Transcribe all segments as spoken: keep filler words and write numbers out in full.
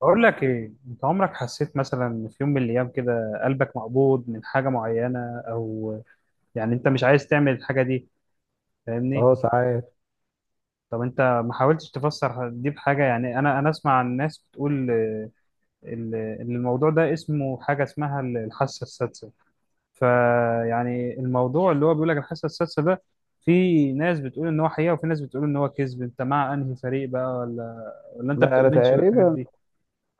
بقول لك ايه، انت عمرك حسيت مثلا إن في يوم من الايام كده قلبك مقبوض من حاجه معينه، او يعني انت مش عايز تعمل الحاجه دي، فاهمني؟ اه ساعات. طب انت ما حاولتش تفسر دي بحاجه؟ يعني انا انا اسمع عن ناس بتقول آه، ال- ان الموضوع ده اسمه حاجه اسمها ال- الحاسه السادسه. فيعني الموضوع اللي هو بيقول لك الحاسه السادسه ده، في ناس بتقول ان هو حقيقه وفي ناس بتقول ان هو كذب. انت مع انهي فريق بقى، ولا ولا انت لا، انا بتؤمنش بالحاجات تقريبا. دي؟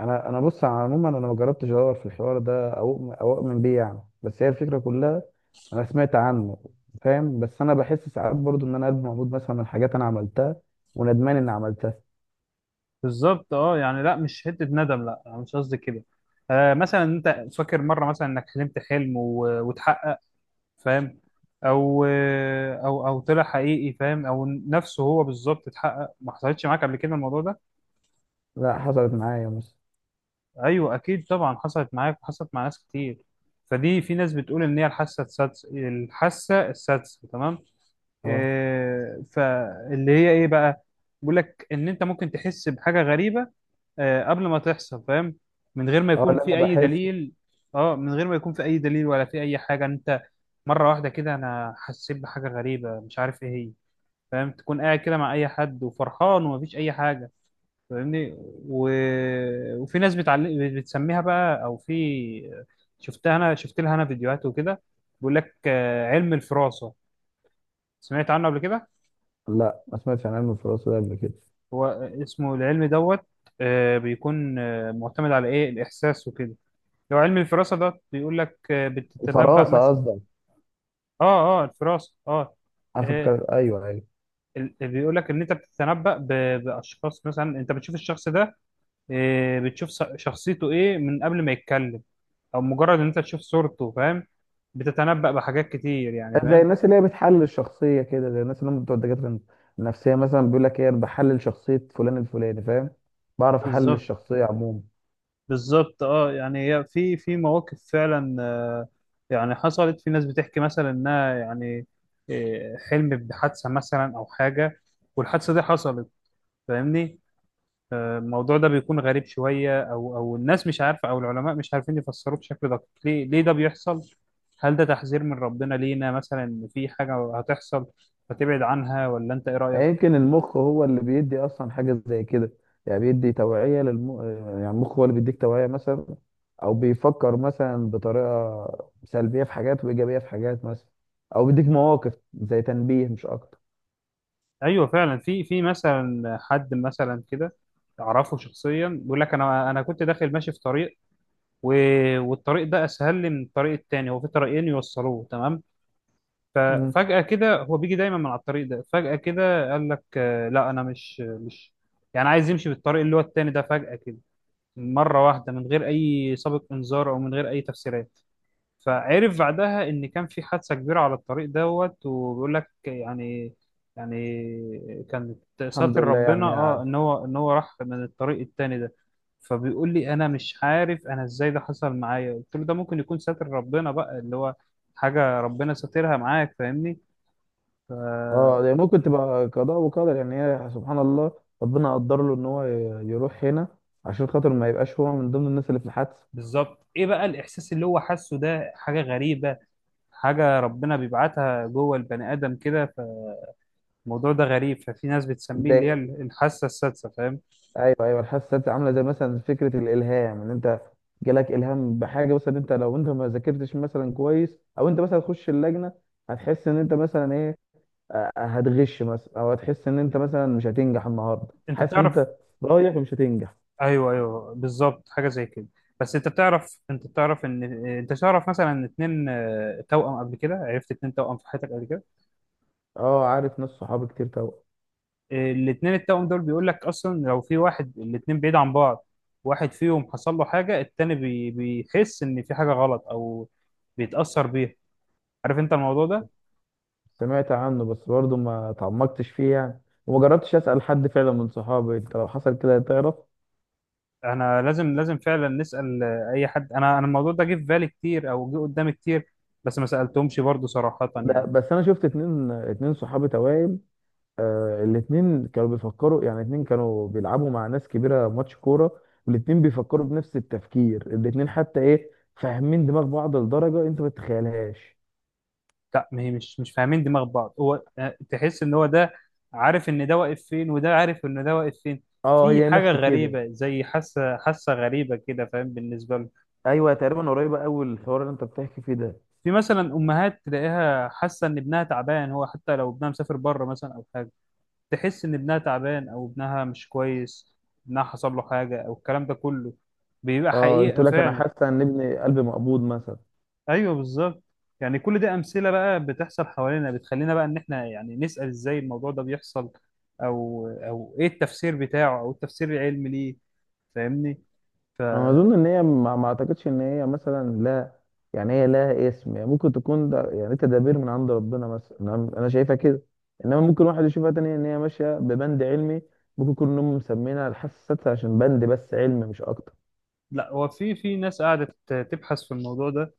انا انا بص على عموما، انا ما جربتش ادور في الحوار ده او او اؤمن بيه يعني، بس هي الفكره كلها. انا سمعت عنه. فاهم. بس انا بحس ساعات برضو ان انا قلبي موجود مثلا من حاجات انا عملتها، وندمان اني عملتها. بالظبط اه، يعني لا مش حته ندم، لا انا مش قصدي كده. آه، مثلا انت فاكر مره مثلا انك حلمت حلم و- واتحقق؟ فاهم. او آه، او او طلع حقيقي، فاهم، او نفسه هو بالظبط اتحقق. ما حصلتش معاك قبل كده الموضوع ده؟ لا، حصلت معايا مثلا. ايوه اكيد طبعا حصلت معاك وحصلت مع ناس كتير. فدي في ناس بتقول ان هي الحاسه السادسه، الحاسه السادسه، تمام. اه، آه، فاللي هي ايه بقى؟ بيقول لك ان انت ممكن تحس بحاجه غريبه آه، قبل ما تحصل، فاهم؟ من غير ما اه، يكون لا، انا في اي بحس. دليل. اه، من غير ما يكون في اي دليل ولا في اي حاجه. انت مره واحده كده انا حسيت بحاجه غريبه مش عارف ايه هي، فاهم؟ تكون قاعد كده مع اي حد وفرحان ومفيش اي حاجه، فاهمني؟ و... وفي ناس بتعلق، بتسميها بقى، او في... شفتها انا، شفت لها انا فيديوهات وكده. بيقول لك آه، علم الفراسه. سمعت عنه قبل كده؟ لا، ما سمعتش عن علم الفراسه ده قبل كده. هو اسمه العلم دوت. آه، بيكون آه، معتمد على ايه، الاحساس وكده. لو علم الفراسة ده بيقول لك آه، بتتنبأ الفراسه مثلا. قصدك؟ اه اه، الفراسة اه. آه، افكر، ايوه، ايوه. ال- بيقول لك ان انت بتتنبأ ب- باشخاص. مثلا انت بتشوف الشخص ده آه، بتشوف س- شخصيته ايه من قبل ما يتكلم، او مجرد ان انت تشوف صورته، فاهم؟ بتتنبأ بحاجات كتير يعني، زي فاهم؟ الناس اللي هي بتحلل الشخصية كده، زي الناس اللي هم بتوع الدكاترة النفسية مثلا. بيقول لك ايه، انا بحلل شخصية فلان الفلاني، فاهم. بعرف احلل بالظبط. الشخصية عموما. بالظبط اه، يعني هي في في مواقف فعلا آه، يعني حصلت. في ناس بتحكي مثلا انها يعني آه، حلمت بحادثه مثلا او حاجه، والحادثه دي حصلت، فاهمني؟ الموضوع ده بيكون غريب شوية، أو أو الناس مش عارفة أو العلماء مش عارفين يفسروه بشكل دقيق. ليه ليه ده بيحصل؟ هل ده تحذير من ربنا لينا مثلا إن في حاجة هتحصل فتبعد عنها، ولا أنت إيه يعني رأيك؟ يمكن المخ هو اللي بيدي اصلا حاجة زي كده. يعني بيدي توعية للم... يعني المخ هو اللي بيديك توعية مثلا، او بيفكر مثلا بطريقة سلبية في حاجات وايجابية في حاجات مثلا، او بيديك مواقف زي تنبيه مش اكتر. أيوه فعلا في في مثلا حد مثلا كده أعرفه شخصيا، بيقول لك أنا أنا كنت داخل ماشي في طريق و... والطريق ده أسهل لي من الطريق التاني، هو في طريقين يوصلوه، تمام؟ مم. ففجأة كده هو بيجي دايما من على الطريق ده، فجأة كده قال لك آه، لا، أنا مش مش يعني عايز يمشي بالطريق اللي هو التاني ده فجأة كده، مرة واحدة، من غير أي سابق إنذار أو من غير أي تفسيرات. فعرف بعدها إن كان في حادثة كبيرة على الطريق دوت. وبيقول لك يعني، يعني كانت الحمد ساتر لله ربنا، اه، يعني. ان هو ان هو راح من الطريق التاني ده. فبيقول لي: انا مش عارف انا ازاي ده حصل معايا. قلت له: ده ممكن يكون ساتر ربنا بقى، اللي هو حاجة ربنا ساترها معاك، فاهمني؟ ف- اه، ده ممكن تبقى قضاء وقدر يعني، هي سبحان الله. ربنا قدر له ان هو ي- يروح هنا عشان خاطر ما يبقاش هو من ضمن الناس اللي في الحادثه بالظبط. ايه بقى الاحساس اللي هو حاسه ده؟ حاجه غريبه، حاجه ربنا بيبعتها جوه البني ادم كده. فالموضوع ده غريب، ففي ناس بتسميه اللي هي ده. الحاسه السادسه، فاهم؟ ايوه، ايوه، الحادثه دي عامله زي مثلا فكره الالهام، ان انت جالك الهام بحاجه مثلا. انت لو انت ما ذاكرتش مثلا كويس، او انت مثلا تخش اللجنه، هتحس ان انت مثلا ايه، آه، آه، هتغش مثلا. او هتحس ان انت مثلا مش هتنجح النهارده، انت حاسس ان تعرف؟ انت رايح ومش هتنجح. ايوه ايوه بالظبط، حاجه زي كده. بس انت تعرف، انت تعرف ان انت تعرف مثلا ان اتنين آه، توأم؟ قبل كده عرفت اتنين توأم في حياتك قبل كده؟ اه، عارف ناس صحابي كتير طبعا. آه، الاتنين التوأم دول بيقول لك اصلا، لو في واحد، الاتنين بعيد عن بعض، واحد فيهم حصل له حاجه، التاني بي- بيحس ان في حاجه غلط او بيتأثر بيها. عارف انت الموضوع ده؟ سمعت عنه بس برضه ما تعمقتش فيه يعني. وما جربتش اسال حد فعلا من صحابي. انت لو حصل كده تعرف؟ احنا لازم لازم فعلا نسأل آه، اي حد. انا انا الموضوع ده جه في بالي كتير او جه قدامي كتير، بس ما سألتهمش برضو صراحة لا، يعني. بس انا شفت اتنين اتنين صحابي توائم. آه، الاتنين كانوا بيفكروا يعني. اتنين كانوا بيلعبوا مع ناس كبيره ماتش كوره، والاتنين بيفكروا بنفس التفكير. الاتنين حتى ايه، فاهمين دماغ بعض لدرجه انت ما تتخيلهاش. لا، ما هي مش مش فاهمين دماغ بعض، هو آه، تحس ان هو ده عارف ان ده واقف فين، وده عارف ان ده واقف فين. اه، في هي حاجة نفس كده. غريبة، زي حاسة حاسة غريبة كده، فاهم؟ بالنسبة له. ايوه تقريبا، قريبه قوي الحوار اللي انت بتحكي فيه ده. في مثلا امهات تلاقيها حاسة ان ابنها تعبان، هو حتى لو ابنها مسافر بره مثلا او حاجة، تحس ان ابنها تعبان او ابنها مش كويس، ابنها حصل له حاجه، او الكلام ده كله بيبقى اه، قلت حقيقه لك انا فعلا. حاسه ان ابني قلبي مقبوض مثلا. ايوه بالظبط. يعني كل ده امثله بقى بتحصل حوالينا، بتخلينا بقى ان احنا يعني نسال: ازاي الموضوع ده بيحصل؟ او او ايه التفسير بتاعه، او التفسير العلمي ليه، فاهمني؟ انا اظن ان هي ما ما اعتقدش ان هي مثلا لا. يعني هي لها اسم يعني، ممكن تكون ده يعني تدابير من عند ربنا مثلا. انا أنا شايفها كده. انما ممكن واحد يشوفها تاني ان هي ماشيه ببند علمي. ممكن يكون هم مسمينها الحاسه السادسه عشان بند بس علمي مش اكتر. لا، هو في في ناس قعدت تبحث في الموضوع ده،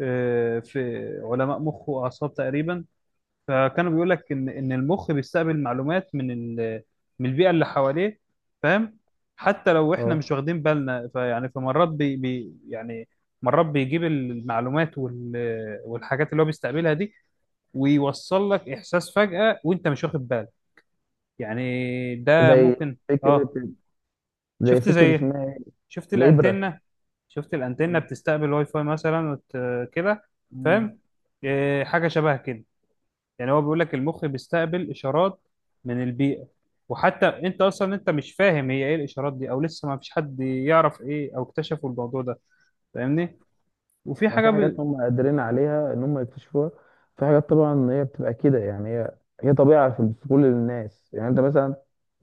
آه، في علماء مخ واعصاب تقريبا. فكانوا بيقول لك ان ان المخ بيستقبل معلومات من ال... من البيئه اللي حواليه، فاهم؟ حتى لو احنا مش اه، واخدين بالنا. فيعني فمرات بي... بي... يعني مرات بيجيب المعلومات وال... والحاجات اللي هو بيستقبلها دي، ويوصل لك احساس فجأة وانت مش واخد بالك. يعني ده زي ممكن. اه. فكره زي شفت زي فكره إيه؟ اسمها ايه؟ شفت الابره. الانتنه، شفت الانتنه بتستقبل واي فاي مثلا وت... كده، مم. فاهم؟ إيه، حاجه شبه كده. يعني هو بيقول لك المخ بيستقبل اشارات من البيئه، وحتى انت اصلا انت مش فاهم هي ايه الاشارات دي، او لسه ما فيش حد يعرف ايه، او اكتشفوا الموضوع ده، فاهمني؟ وفي ما في حاجه حاجات ب... هم قادرين عليها ان هم يكتشفوها. في حاجات طبعا هي بتبقى كده يعني. هي هي طبيعة في في كل الناس يعني. انت مثلا،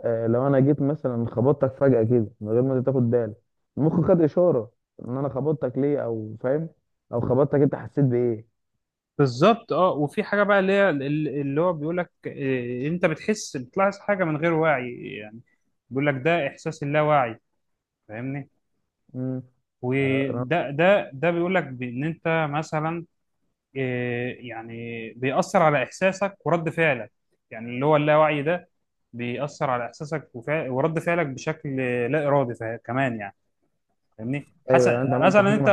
آه، لو انا جيت مثلا خبطتك فجأة كده من غير ما أنت تاخد بالك، المخ خد اشارة ان انا خبطتك ليه، او فاهم، او خبطتك انت حسيت بايه؟ بالظبط اه. وفي حاجه بقى اللي هي ال- اللي هو بيقول لك إيه، انت بتحس، بتلاحظ حاجه من غير وعي يعني. بيقول لك ده احساس اللاواعي، فاهمني؟ مم. أنا- أنا- وده ده ده بيقول لك بان انت مثلا إيه، يعني بيأثر على إحساسك ورد فعلك. يعني اللي هو اللاوعي ده بيأثر على إحساسك وفع- ورد فعلك بشكل لا إرادي، فا- كمان يعني، فاهمني ايوه، حسن؟ يعني انت عملت حاجة مثلا أنت، ما.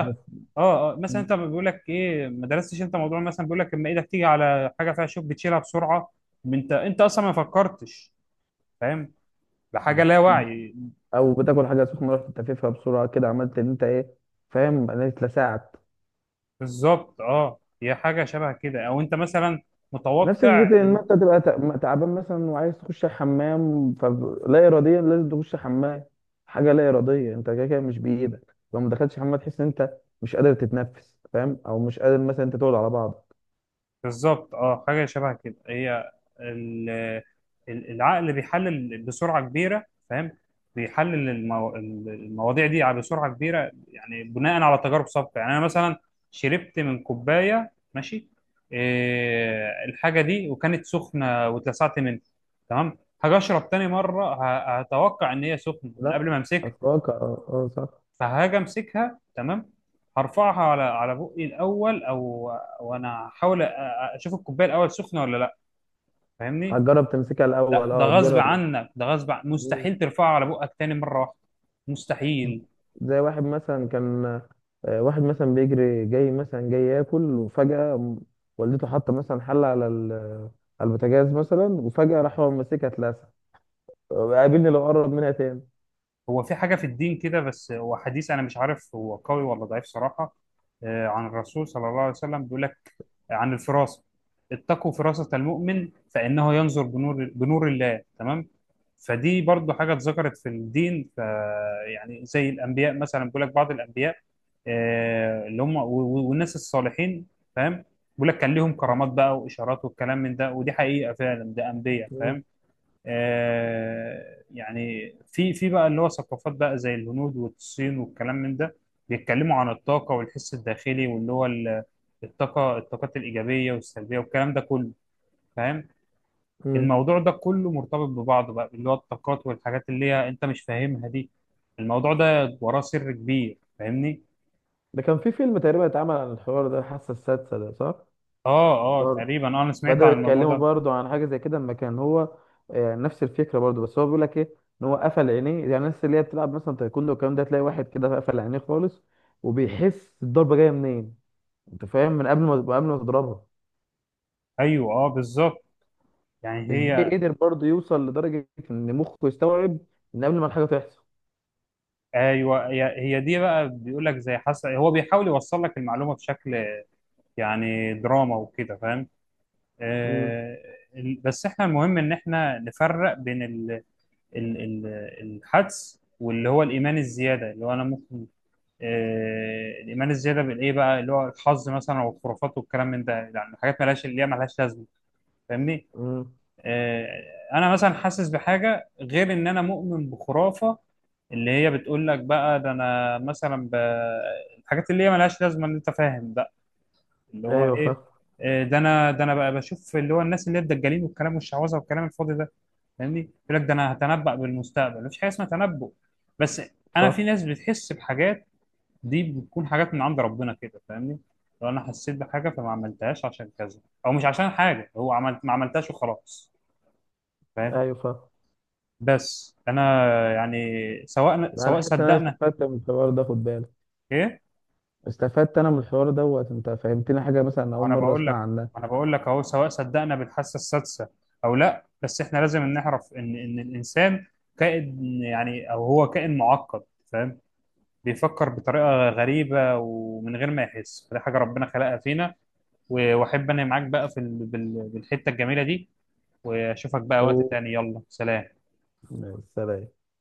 اه اه، مثلا انت بيقول لك ايه، ما درستش انت موضوع، مثلا بيقول لك اما ايدك تيجي على حاجه فيها شوك بتشيلها بسرعه. انت انت اصلا ما فكرتش، فاهم؟ بحاجه لا حسيت- وعي. او بتاكل حاجه سخنه، رحت تفيفها بسرعه كده، عملت ان انت ايه، فاهم، انا اتلسعت. بالظبط اه، هي حاجه شبه كده، او انت مثلا نفس متوقع. فكرة إن أنت تبقى تع- تعبان مثلا، وعايز تخش الحمام، فلا إراديا لازم تخش حمام. حاجة لا إرادية. أنت كده كده مش بإيدك. لو ما دخلتش حمام تحس إن أنت مش قادر تتنفس، فاهم، أو مش قادر مثلا أنت تقعد على بعضك. بالظبط اه، حاجه شبه كده. هي ال- ال- العقل بيحلل بسرعه كبيره، فاهم؟ بيحلل المو... المواضيع دي على بسرعه كبيره. يعني بناء على تجارب سابقه. يعني انا مثلا شربت من كوبايه، ماشي، إيه الحاجه دي؟ وكانت سخنه واتلسعت منها، تمام. هاجي اشرب تاني مره، ه- هتوقع ان هي سخنه من لا، قبل ما امسكها. أتوقع أه، آه، صح. فهاجي امسكها، تمام، هرفعها على على بقي الاول، او وانا احاول أ- أ- اشوف الكوبايه الاول سخنه ولا لا، فاهمني؟ هتجرب تمسكها لا، الأول، ده أه، غصب تجرب الأول. عنك، ده غصب عن... مم. مستحيل ترفعها على بقك تاني مره واحده. مستحيل. زي واحد مثلا كان، آه، واحد مثلا بيجري جاي مثلا، جاي ياكل وفجأة م- والدته حاطة مثلا حلة على ال- على البوتاجاز مثلا، وفجأة راح هو ماسكها اتلسع. قابلني لو قرب منها تاني. هو في حاجة في الدين كده، بس هو حديث أنا مش عارف هو قوي ولا ضعيف صراحة. آه، عن الرسول صلى الله عليه وسلم بيقول لك عن الفراسة: اتقوا فراسة المؤمن فإنه ينظر بنور بنور الله، تمام. فدي برضو حاجة اتذكرت في الدين. ف يعني زي الأنبياء مثلا، بيقول لك بعض الأنبياء آه، اللي هم و- و- والناس الصالحين، فاهم؟ بيقول لك كان ليهم كرامات بقى وإشارات والكلام من ده. ودي حقيقة فعلا، ده أنبياء، مم. فاهم؟ آه، يعني في في بقى اللي هو ثقافات بقى زي الهنود والصين والكلام من ده، بيتكلموا عن الطاقة والحس الداخلي، واللي هو ال- الطاقة، الطاقات الإيجابية والسلبية والكلام ده كله، فاهم؟ مم. الموضوع ده كله مرتبط ببعضه بقى، اللي هو الطاقات والحاجات اللي هي أنت مش فاهمها دي. الموضوع ده وراه سر كبير، فاهمني؟ ده كان في فيلم تقريبا اتعمل عن الحوار ده، الحاسة السادسة ده، صح؟ اه اه برضه تقريبا، آه، انا سمعت بدأوا عن الموضوع يتكلموا ده. برضه عن حاجة زي كده لما كان هو، آه، نفس الفكرة برضه. بس هو بيقول لك ايه، ان هو قفل عينيه. يعني الناس اللي هي بتلعب مثلا تايكوندو والكلام ده، تلاقي واحد كده قفل عينيه خالص، وبيحس الضربة جاية منين. انت فاهم، من قبل ما قبل ما تضربها. ايوه اه بالظبط يعني ازاي هي، قدر برضه يوصل لدرجة ان مخه يستوعب ان قبل ما الحاجة تحصل. ايوه، هي هي دي بقى، بيقول لك زي حسن، هو بيحاول يوصل لك المعلومة بشكل يعني دراما وكده، فاهم؟ مم. آه، ال- بس احنا المهم ان احنا نفرق بين ال ال ال الحدس واللي هو الايمان الزياده، اللي هو انا ممكن آه، الايمان الزياده بالايه بقى، اللي هو الحظ مثلا والخرافات والكلام من ده. يعني حاجات مالهاش، اللي هي مالهاش لازمه، فاهمني؟ مم. آه، انا مثلا حاسس بحاجه، غير ان انا مؤمن بخرافه اللي هي بتقول لك بقى ده انا مثلا ب... الحاجات اللي هي مالهاش لازمه ان انت فاهم، اللي هو ايوه ايه. فاهم. إيه ده؟ انا ده انا بقى بشوف اللي هو الناس اللي هي الدجالين والكلام والشعوذه والكلام الفاضي ده، فاهمني؟ يقول لك ده انا هتنبأ بالمستقبل. مفيش حاجه اسمها تنبؤ، بس انا في صح. ناس بتحس بحاجات، دي بتكون حاجات من عند ربنا كده، فاهمني؟ لو انا حسيت بحاجه فما عملتهاش عشان كذا، او مش عشان حاجه، هو عملت ما عملتهاش وخلاص، فاهم؟ ايوه فاهم. بس انا يعني، سواء لا، انا سواء حاسس ان انا صدقنا. استفدت من الحوار ده، خد بالك. ايه؟ استفدت انا من الحوار دوت. انت فهمتني حاجه مثلا اول انا مره بقول لك، اسمع عنها. انا بقول لك اهو، سواء صدقنا بالحاسه السادسه او لا، بس احنا لازم نعرف ان ان الانسان كائن، يعني او هو كائن معقد، فاهم؟ بيفكر بطريقه غريبه ومن غير ما يحس. فدي حاجه ربنا خلقها فينا. و- واحب انا معاك بقى في ال- بال- بالحته الجميله دي، واشوفك بقى وقت أوه. تاني، يلا سلام. سلام.